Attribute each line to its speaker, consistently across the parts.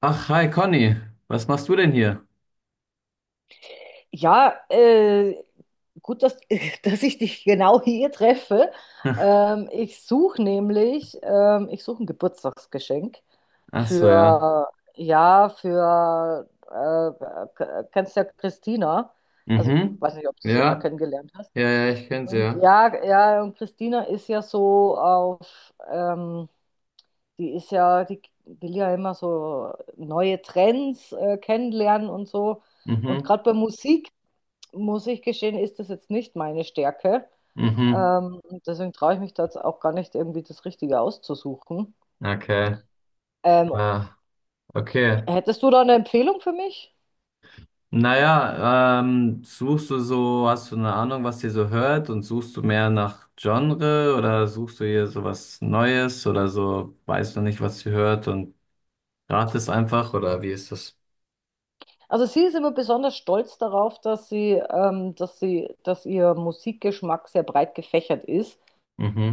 Speaker 1: Ach, hi Conny, was machst du denn hier?
Speaker 2: Ja, äh, gut, dass, dass ich dich genau hier treffe. Ich suche nämlich, ich suche ein Geburtstagsgeschenk
Speaker 1: Ach so, ja.
Speaker 2: für, ja, für, kennst ja Christina. Also ich
Speaker 1: Mhm.
Speaker 2: weiß nicht, ob du sie mal
Speaker 1: Ja,
Speaker 2: kennengelernt hast.
Speaker 1: ja, ja, ich kenn's
Speaker 2: Und
Speaker 1: ja.
Speaker 2: ja, ja, und Christina ist ja so auf, die ist ja, die will ja immer so neue Trends kennenlernen und so. Und
Speaker 1: Mhm.
Speaker 2: gerade bei Musik muss ich gestehen, ist das jetzt nicht meine Stärke.
Speaker 1: Mhm.
Speaker 2: Ähm, deswegen traue ich mich da jetzt auch gar nicht, irgendwie das Richtige auszusuchen.
Speaker 1: Okay.
Speaker 2: Ähm,
Speaker 1: Ah, okay.
Speaker 2: hättest du da eine Empfehlung für mich?
Speaker 1: Naja, suchst du so, hast du eine Ahnung, was ihr so hört, und suchst du mehr nach Genre oder suchst du hier so was Neues oder so, weißt du nicht, was ihr hört und ratest einfach, oder wie ist das?
Speaker 2: Also sie ist immer besonders stolz darauf, dass sie, dass ihr Musikgeschmack sehr breit gefächert ist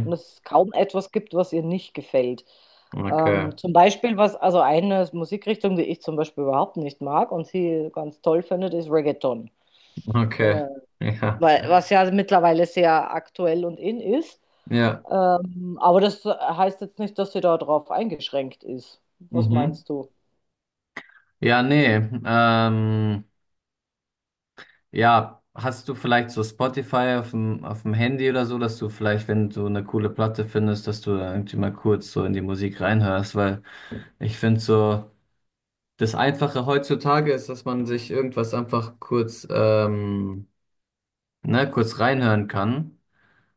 Speaker 2: und es kaum etwas gibt, was ihr nicht gefällt.
Speaker 1: Okay.
Speaker 2: Zum Beispiel was, also eine Musikrichtung, die ich zum Beispiel überhaupt nicht mag und sie ganz toll findet, ist Reggaeton.
Speaker 1: Okay.
Speaker 2: Äh,
Speaker 1: Ja.
Speaker 2: weil, was ja mittlerweile sehr aktuell und in ist.
Speaker 1: Ja.
Speaker 2: Aber das heißt jetzt nicht, dass sie darauf eingeschränkt ist. Was
Speaker 1: Mhm.
Speaker 2: meinst du?
Speaker 1: Ja, nee. Ähm, ja, hast du vielleicht so Spotify auf dem Handy oder so, dass du vielleicht, wenn du eine coole Platte findest, dass du da irgendwie mal kurz so in die Musik reinhörst, weil ich finde so, das Einfache heutzutage ist, dass man sich irgendwas einfach kurz, ne, kurz reinhören kann.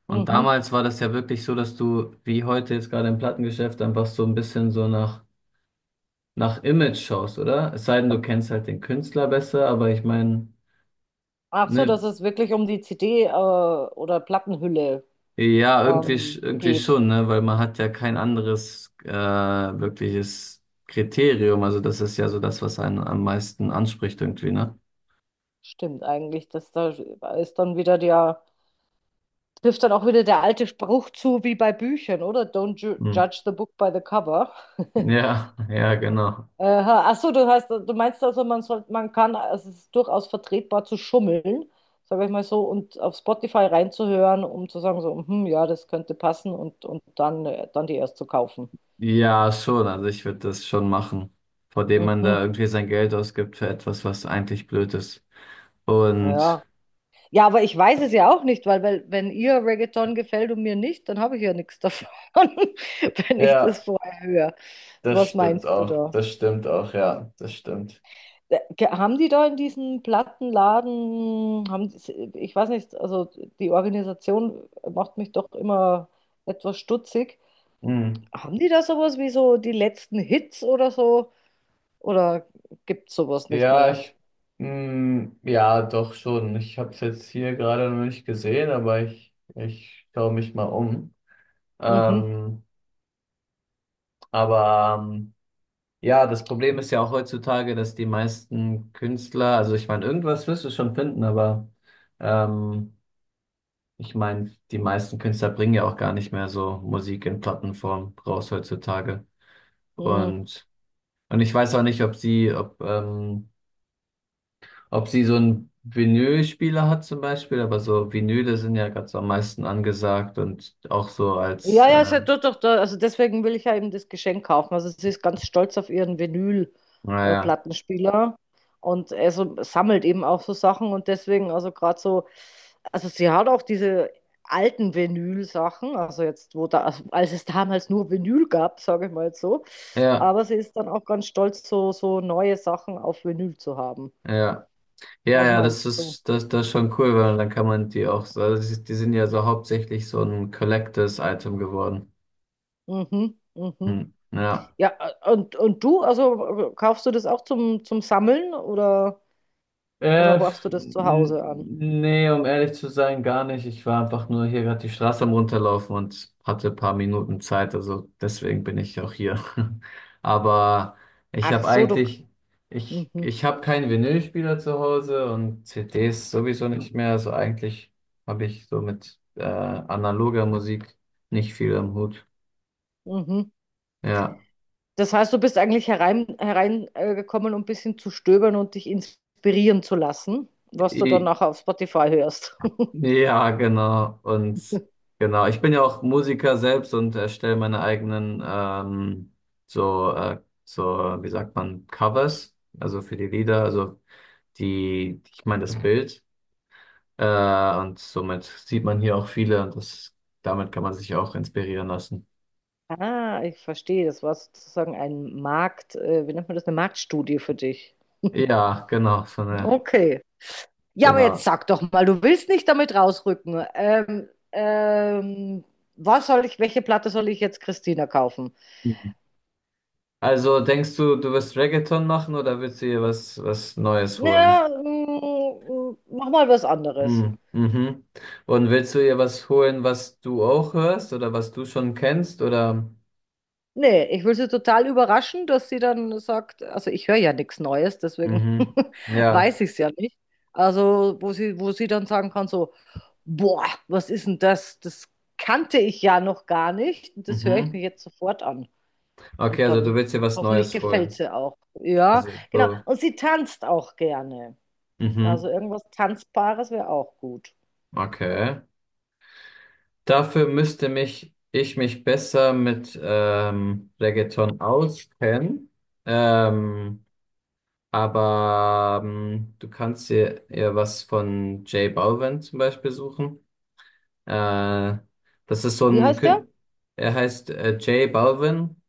Speaker 1: Und
Speaker 2: Mhm.
Speaker 1: damals war das ja wirklich so, dass du, wie heute jetzt gerade im Plattengeschäft, einfach so ein bisschen so nach Image schaust, oder? Es sei denn, du kennst halt den Künstler besser, aber ich meine,
Speaker 2: Ach so,
Speaker 1: ne,
Speaker 2: dass es wirklich um die CD, oder Plattenhülle,
Speaker 1: ja, irgendwie, irgendwie
Speaker 2: geht.
Speaker 1: schon, ne? Weil man hat ja kein anderes wirkliches Kriterium. Also das ist ja so das, was einen am meisten anspricht irgendwie, ne?
Speaker 2: Stimmt eigentlich, dass da ist dann wieder der, trifft dann auch wieder der alte Spruch zu, wie bei Büchern, oder? Don't ju
Speaker 1: Hm.
Speaker 2: judge the book by the cover.
Speaker 1: Ja, ja, genau.
Speaker 2: Aha, ach so, du hast, du meinst also, man soll, man kann, also es ist durchaus vertretbar zu schummeln, sage ich mal so, und auf Spotify reinzuhören, um zu sagen so, hm, ja, das könnte passen und dann, dann die erst zu kaufen.
Speaker 1: Ja, schon. Also ich würde das schon machen, vor dem man da
Speaker 2: Mhm,
Speaker 1: irgendwie sein Geld ausgibt für etwas, was eigentlich blöd ist. Und
Speaker 2: ja. Ja, aber ich weiß es ja auch nicht, weil, weil wenn ihr Reggaeton gefällt und mir nicht, dann habe ich ja nichts davon, wenn ich das
Speaker 1: ja,
Speaker 2: vorher höre.
Speaker 1: das
Speaker 2: Was
Speaker 1: stimmt
Speaker 2: meinst du
Speaker 1: auch.
Speaker 2: da?
Speaker 1: Das stimmt auch, ja, das stimmt.
Speaker 2: Haben die da in diesem Plattenladen, haben die, ich weiß nicht, also die Organisation macht mich doch immer etwas stutzig.
Speaker 1: Hm.
Speaker 2: Haben die da sowas wie so die letzten Hits oder so? Oder gibt es sowas nicht
Speaker 1: Ja,
Speaker 2: mehr?
Speaker 1: ich, mh, ja, doch schon. Ich habe es jetzt hier gerade noch nicht gesehen, aber ich schaue mich mal um.
Speaker 2: Mhm.
Speaker 1: Ähm, aber ja, das Problem ist ja auch heutzutage, dass die meisten Künstler, also ich meine, irgendwas wirst du schon finden, aber ähm, ich meine, die meisten Künstler bringen ja auch gar nicht mehr so Musik in Plattenform raus heutzutage.
Speaker 2: Mhm.
Speaker 1: Und, und ich weiß auch nicht, ob sie, ob ob sie so einen Vinylspieler hat zum Beispiel, aber so Vinyle sind ja gerade so am meisten angesagt und auch so als,
Speaker 2: Ja, ja, ist ja doch, doch, also deswegen will ich ja eben das Geschenk kaufen. Also sie ist ganz stolz auf ihren
Speaker 1: naja,
Speaker 2: Vinyl-Plattenspieler und er so, sammelt eben auch so Sachen und deswegen, also gerade so, also sie hat auch diese alten Vinyl-Sachen, also jetzt, wo da, also als es damals nur Vinyl gab, sage ich mal jetzt so,
Speaker 1: ja,
Speaker 2: aber sie ist dann auch ganz stolz, so, so neue Sachen auf Vinyl zu haben.
Speaker 1: ja, ja, ja,
Speaker 2: Was
Speaker 1: ja, das
Speaker 2: meinst du?
Speaker 1: ist, das ist schon cool, weil dann kann man die auch so, also die sind ja so hauptsächlich so ein Collectors-Item geworden.
Speaker 2: Mhm, mhm.
Speaker 1: Hm, ja.
Speaker 2: Ja, und du, also kaufst du das auch zum, zum Sammeln oder? Oder
Speaker 1: Äh,
Speaker 2: horchst du das zu Hause an?
Speaker 1: nee, um ehrlich zu sein, gar nicht. Ich war einfach nur hier gerade die Straße am Runterlaufen und hatte ein paar Minuten Zeit, also deswegen bin ich auch hier. Aber ich
Speaker 2: Ach
Speaker 1: habe
Speaker 2: so, du.
Speaker 1: eigentlich, ich,
Speaker 2: Mhm,
Speaker 1: ich habe keinen Vinylspieler zu Hause und CDs sowieso nicht mehr. Also eigentlich habe ich so mit analoger Musik nicht viel am Hut.
Speaker 2: mhm.
Speaker 1: Ja.
Speaker 2: Das heißt, du bist eigentlich hereingekommen, herein, gekommen, um ein bisschen zu stöbern und dich inspirieren zu lassen, was du dann
Speaker 1: I-
Speaker 2: nachher auf Spotify hörst.
Speaker 1: ja, genau. Und genau, ich bin ja auch Musiker selbst und erstelle meine eigenen so, so, wie sagt man, Covers, also für die Lieder, also die, ich meine das Bild. Und somit sieht man hier auch viele und das, damit kann man sich auch inspirieren lassen.
Speaker 2: Ah, ich verstehe. Das war sozusagen ein Markt, wie nennt man das, eine Marktstudie für dich.
Speaker 1: Ja, genau, so eine,
Speaker 2: Okay. Ja, aber jetzt
Speaker 1: genau.
Speaker 2: sag doch mal, du willst nicht damit rausrücken. Was soll ich, welche Platte soll ich jetzt Christina kaufen?
Speaker 1: Mhm. Also denkst du, du wirst Reggaeton machen oder willst du dir was, was Neues
Speaker 2: Na,
Speaker 1: holen?
Speaker 2: mach mal was anderes.
Speaker 1: Hm, mhm. Und willst du ihr was holen, was du auch hörst oder was du schon kennst oder?
Speaker 2: Nee, ich will sie total überraschen, dass sie dann sagt, also ich höre ja nichts Neues, deswegen
Speaker 1: Mhm. Ja.
Speaker 2: weiß ich es ja nicht. Also, wo sie dann sagen kann, so, boah, was ist denn das? Das kannte ich ja noch gar nicht. Das höre ich
Speaker 1: Mhm.
Speaker 2: mir jetzt sofort an.
Speaker 1: Okay,
Speaker 2: Und
Speaker 1: also du
Speaker 2: dann
Speaker 1: willst ihr was
Speaker 2: hoffentlich
Speaker 1: Neues
Speaker 2: gefällt
Speaker 1: holen.
Speaker 2: sie auch. Ja,
Speaker 1: Also
Speaker 2: genau.
Speaker 1: so.
Speaker 2: Und sie tanzt auch gerne. Also
Speaker 1: Mhm.
Speaker 2: irgendwas Tanzbares wäre auch gut.
Speaker 1: Okay. Dafür müsste mich ich mich besser mit Reggaeton auskennen. Ähm, aber du kannst ihr was von J Balvin zum Beispiel suchen. Äh, das ist so
Speaker 2: Wie
Speaker 1: ein,
Speaker 2: heißt der?
Speaker 1: Kün- er heißt J Balvin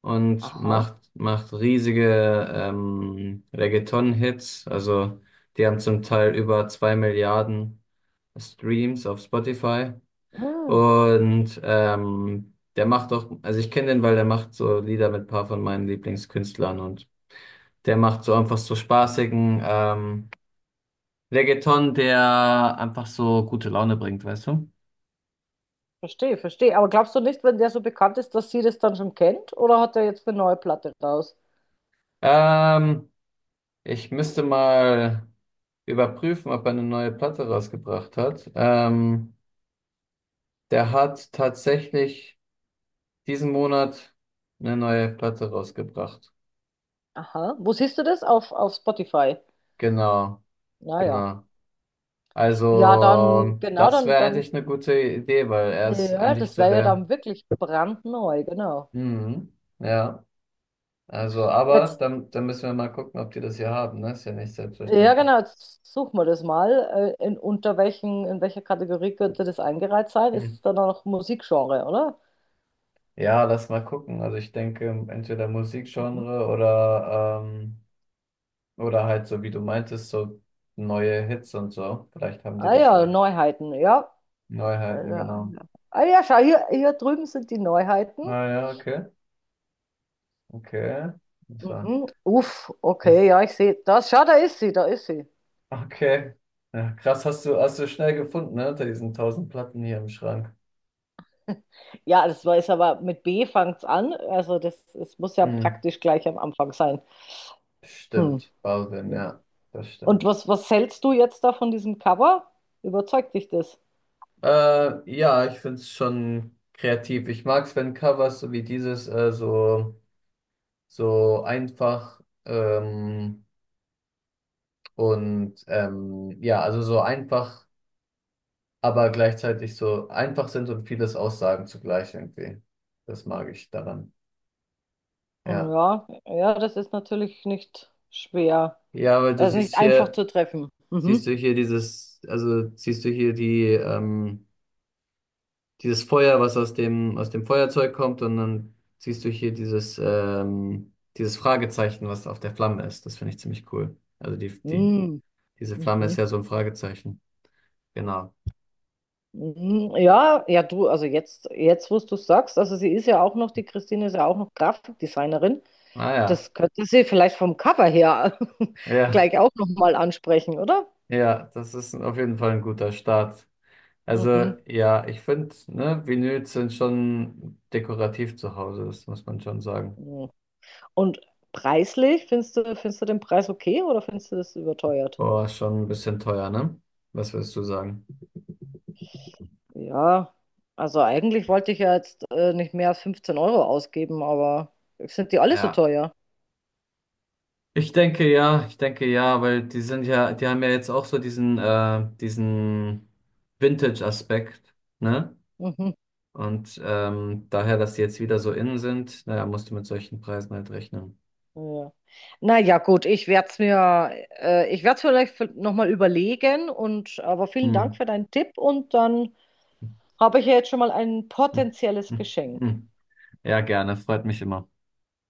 Speaker 1: und
Speaker 2: Aha.
Speaker 1: macht riesige Reggaeton-Hits. Also die haben zum Teil über 2 Milliarden Streams auf Spotify.
Speaker 2: Ah.
Speaker 1: Und der macht auch, also ich kenne den, weil der macht so Lieder mit ein paar von meinen Lieblingskünstlern, und der macht so einfach so spaßigen Reggaeton, der einfach so gute Laune bringt, weißt du?
Speaker 2: Verstehe, verstehe. Aber glaubst du nicht, wenn der so bekannt ist, dass sie das dann schon kennt? Oder hat er jetzt eine neue Platte raus?
Speaker 1: Ähm, Ich müsste mal überprüfen, ob er eine neue Platte rausgebracht hat. Der hat tatsächlich diesen Monat eine neue Platte rausgebracht.
Speaker 2: Aha. Wo siehst du das? Auf Spotify.
Speaker 1: Genau,
Speaker 2: Naja.
Speaker 1: genau.
Speaker 2: Ja, Ja, dann,
Speaker 1: Also,
Speaker 2: genau,
Speaker 1: das
Speaker 2: dann,
Speaker 1: wäre
Speaker 2: dann,
Speaker 1: eigentlich eine gute Idee, weil er ist
Speaker 2: ja,
Speaker 1: eigentlich
Speaker 2: das
Speaker 1: so
Speaker 2: wäre ja
Speaker 1: der.
Speaker 2: dann wirklich brandneu, genau.
Speaker 1: Mhm, ja, also, aber
Speaker 2: Jetzt,
Speaker 1: dann müssen wir mal gucken, ob die das hier haben, ne? Ist ja nicht
Speaker 2: ja,
Speaker 1: selbstverständlich.
Speaker 2: genau, jetzt suchen wir das mal. In, unter welchen, in welcher Kategorie könnte das eingereiht sein? Ist
Speaker 1: Mhm.
Speaker 2: es dann auch noch Musikgenre, oder?
Speaker 1: Ja, lass mal gucken. Also, ich denke, entweder
Speaker 2: Mhm.
Speaker 1: Musikgenre oder. Oder halt so, wie du meintest, so neue Hits und so. Vielleicht haben die
Speaker 2: Ah
Speaker 1: das
Speaker 2: ja,
Speaker 1: hier.
Speaker 2: Neuheiten, ja. Äh,
Speaker 1: Neuheiten, genau.
Speaker 2: Ah ja, schau, hier, hier drüben sind die Neuheiten.
Speaker 1: Ah ja, okay. Okay. So.
Speaker 2: Mhm. Uff, okay,
Speaker 1: Yes.
Speaker 2: ja, ich sehe. Das, schau, da ist sie, da ist sie.
Speaker 1: Okay. Ja, krass, hast du schnell gefunden, ne? Unter diesen tausend Platten hier im Schrank.
Speaker 2: Ja, das war ist aber mit B fängt's an. Also das, es muss ja
Speaker 1: Hm.
Speaker 2: praktisch gleich am Anfang sein. Hm.
Speaker 1: Stimmt, Balvin,
Speaker 2: ja.
Speaker 1: ja, das
Speaker 2: Und
Speaker 1: stimmt.
Speaker 2: was, was hältst du jetzt da von diesem Cover? Überzeugt dich das?
Speaker 1: Ja, ich finde es schon kreativ. Ich mag es, wenn Covers so wie dieses so, so einfach und ja, also so einfach aber gleichzeitig so einfach sind und vieles aussagen zugleich irgendwie. Das mag ich daran.
Speaker 2: Hm,
Speaker 1: Ja.
Speaker 2: Ja, ja, das ist natürlich nicht schwer.
Speaker 1: Ja, weil du
Speaker 2: Das ist
Speaker 1: siehst
Speaker 2: nicht einfach
Speaker 1: hier,
Speaker 2: zu treffen.
Speaker 1: siehst
Speaker 2: Mhm.
Speaker 1: du hier dieses, also siehst du hier die, dieses Feuer, was aus aus dem Feuerzeug kommt, und dann siehst du hier dieses, dieses Fragezeichen, was auf der Flamme ist. Das finde ich ziemlich cool. Also die,
Speaker 2: Mhm.
Speaker 1: diese Flamme ist
Speaker 2: Mhm.
Speaker 1: ja so ein Fragezeichen. Genau.
Speaker 2: Mhm. Ja, ja, du, also jetzt, jetzt, wo du es sagst, also sie ist ja auch noch, die Christine ist ja auch noch Grafikdesignerin.
Speaker 1: Ah ja.
Speaker 2: Das könnte sie vielleicht vom Cover her
Speaker 1: Ja,
Speaker 2: gleich auch nochmal ansprechen, oder?
Speaker 1: ja, das ist auf jeden Fall ein guter Start. Also
Speaker 2: Mhm.
Speaker 1: ja, ich finde, ne, Vinyls sind schon dekorativ zu Hause, das muss man schon sagen.
Speaker 2: Mhm. Und preislich, findest du den Preis okay oder findest du das überteuert?
Speaker 1: Boah, schon ein bisschen teuer, ne? Was würdest du sagen?
Speaker 2: Ja, also eigentlich wollte ich ja jetzt nicht mehr als 15 € ausgeben, aber sind die alle so
Speaker 1: Ja.
Speaker 2: teuer?
Speaker 1: Ich denke ja, ich denke ja, weil die sind ja, die haben ja jetzt auch so diesen, diesen Vintage-Aspekt, ne?
Speaker 2: Mhm.
Speaker 1: Und daher, dass die jetzt wieder so innen sind, naja, musst du mit solchen Preisen halt rechnen.
Speaker 2: Ja. Naja, gut, ich werde es mir, ich werde es vielleicht nochmal überlegen und aber vielen
Speaker 1: Hm.
Speaker 2: Dank für deinen Tipp und dann habe ich ja jetzt schon mal ein
Speaker 1: Hm.
Speaker 2: potenzielles
Speaker 1: Hm.
Speaker 2: Geschenk.
Speaker 1: Hm. Ja, gerne, freut mich immer.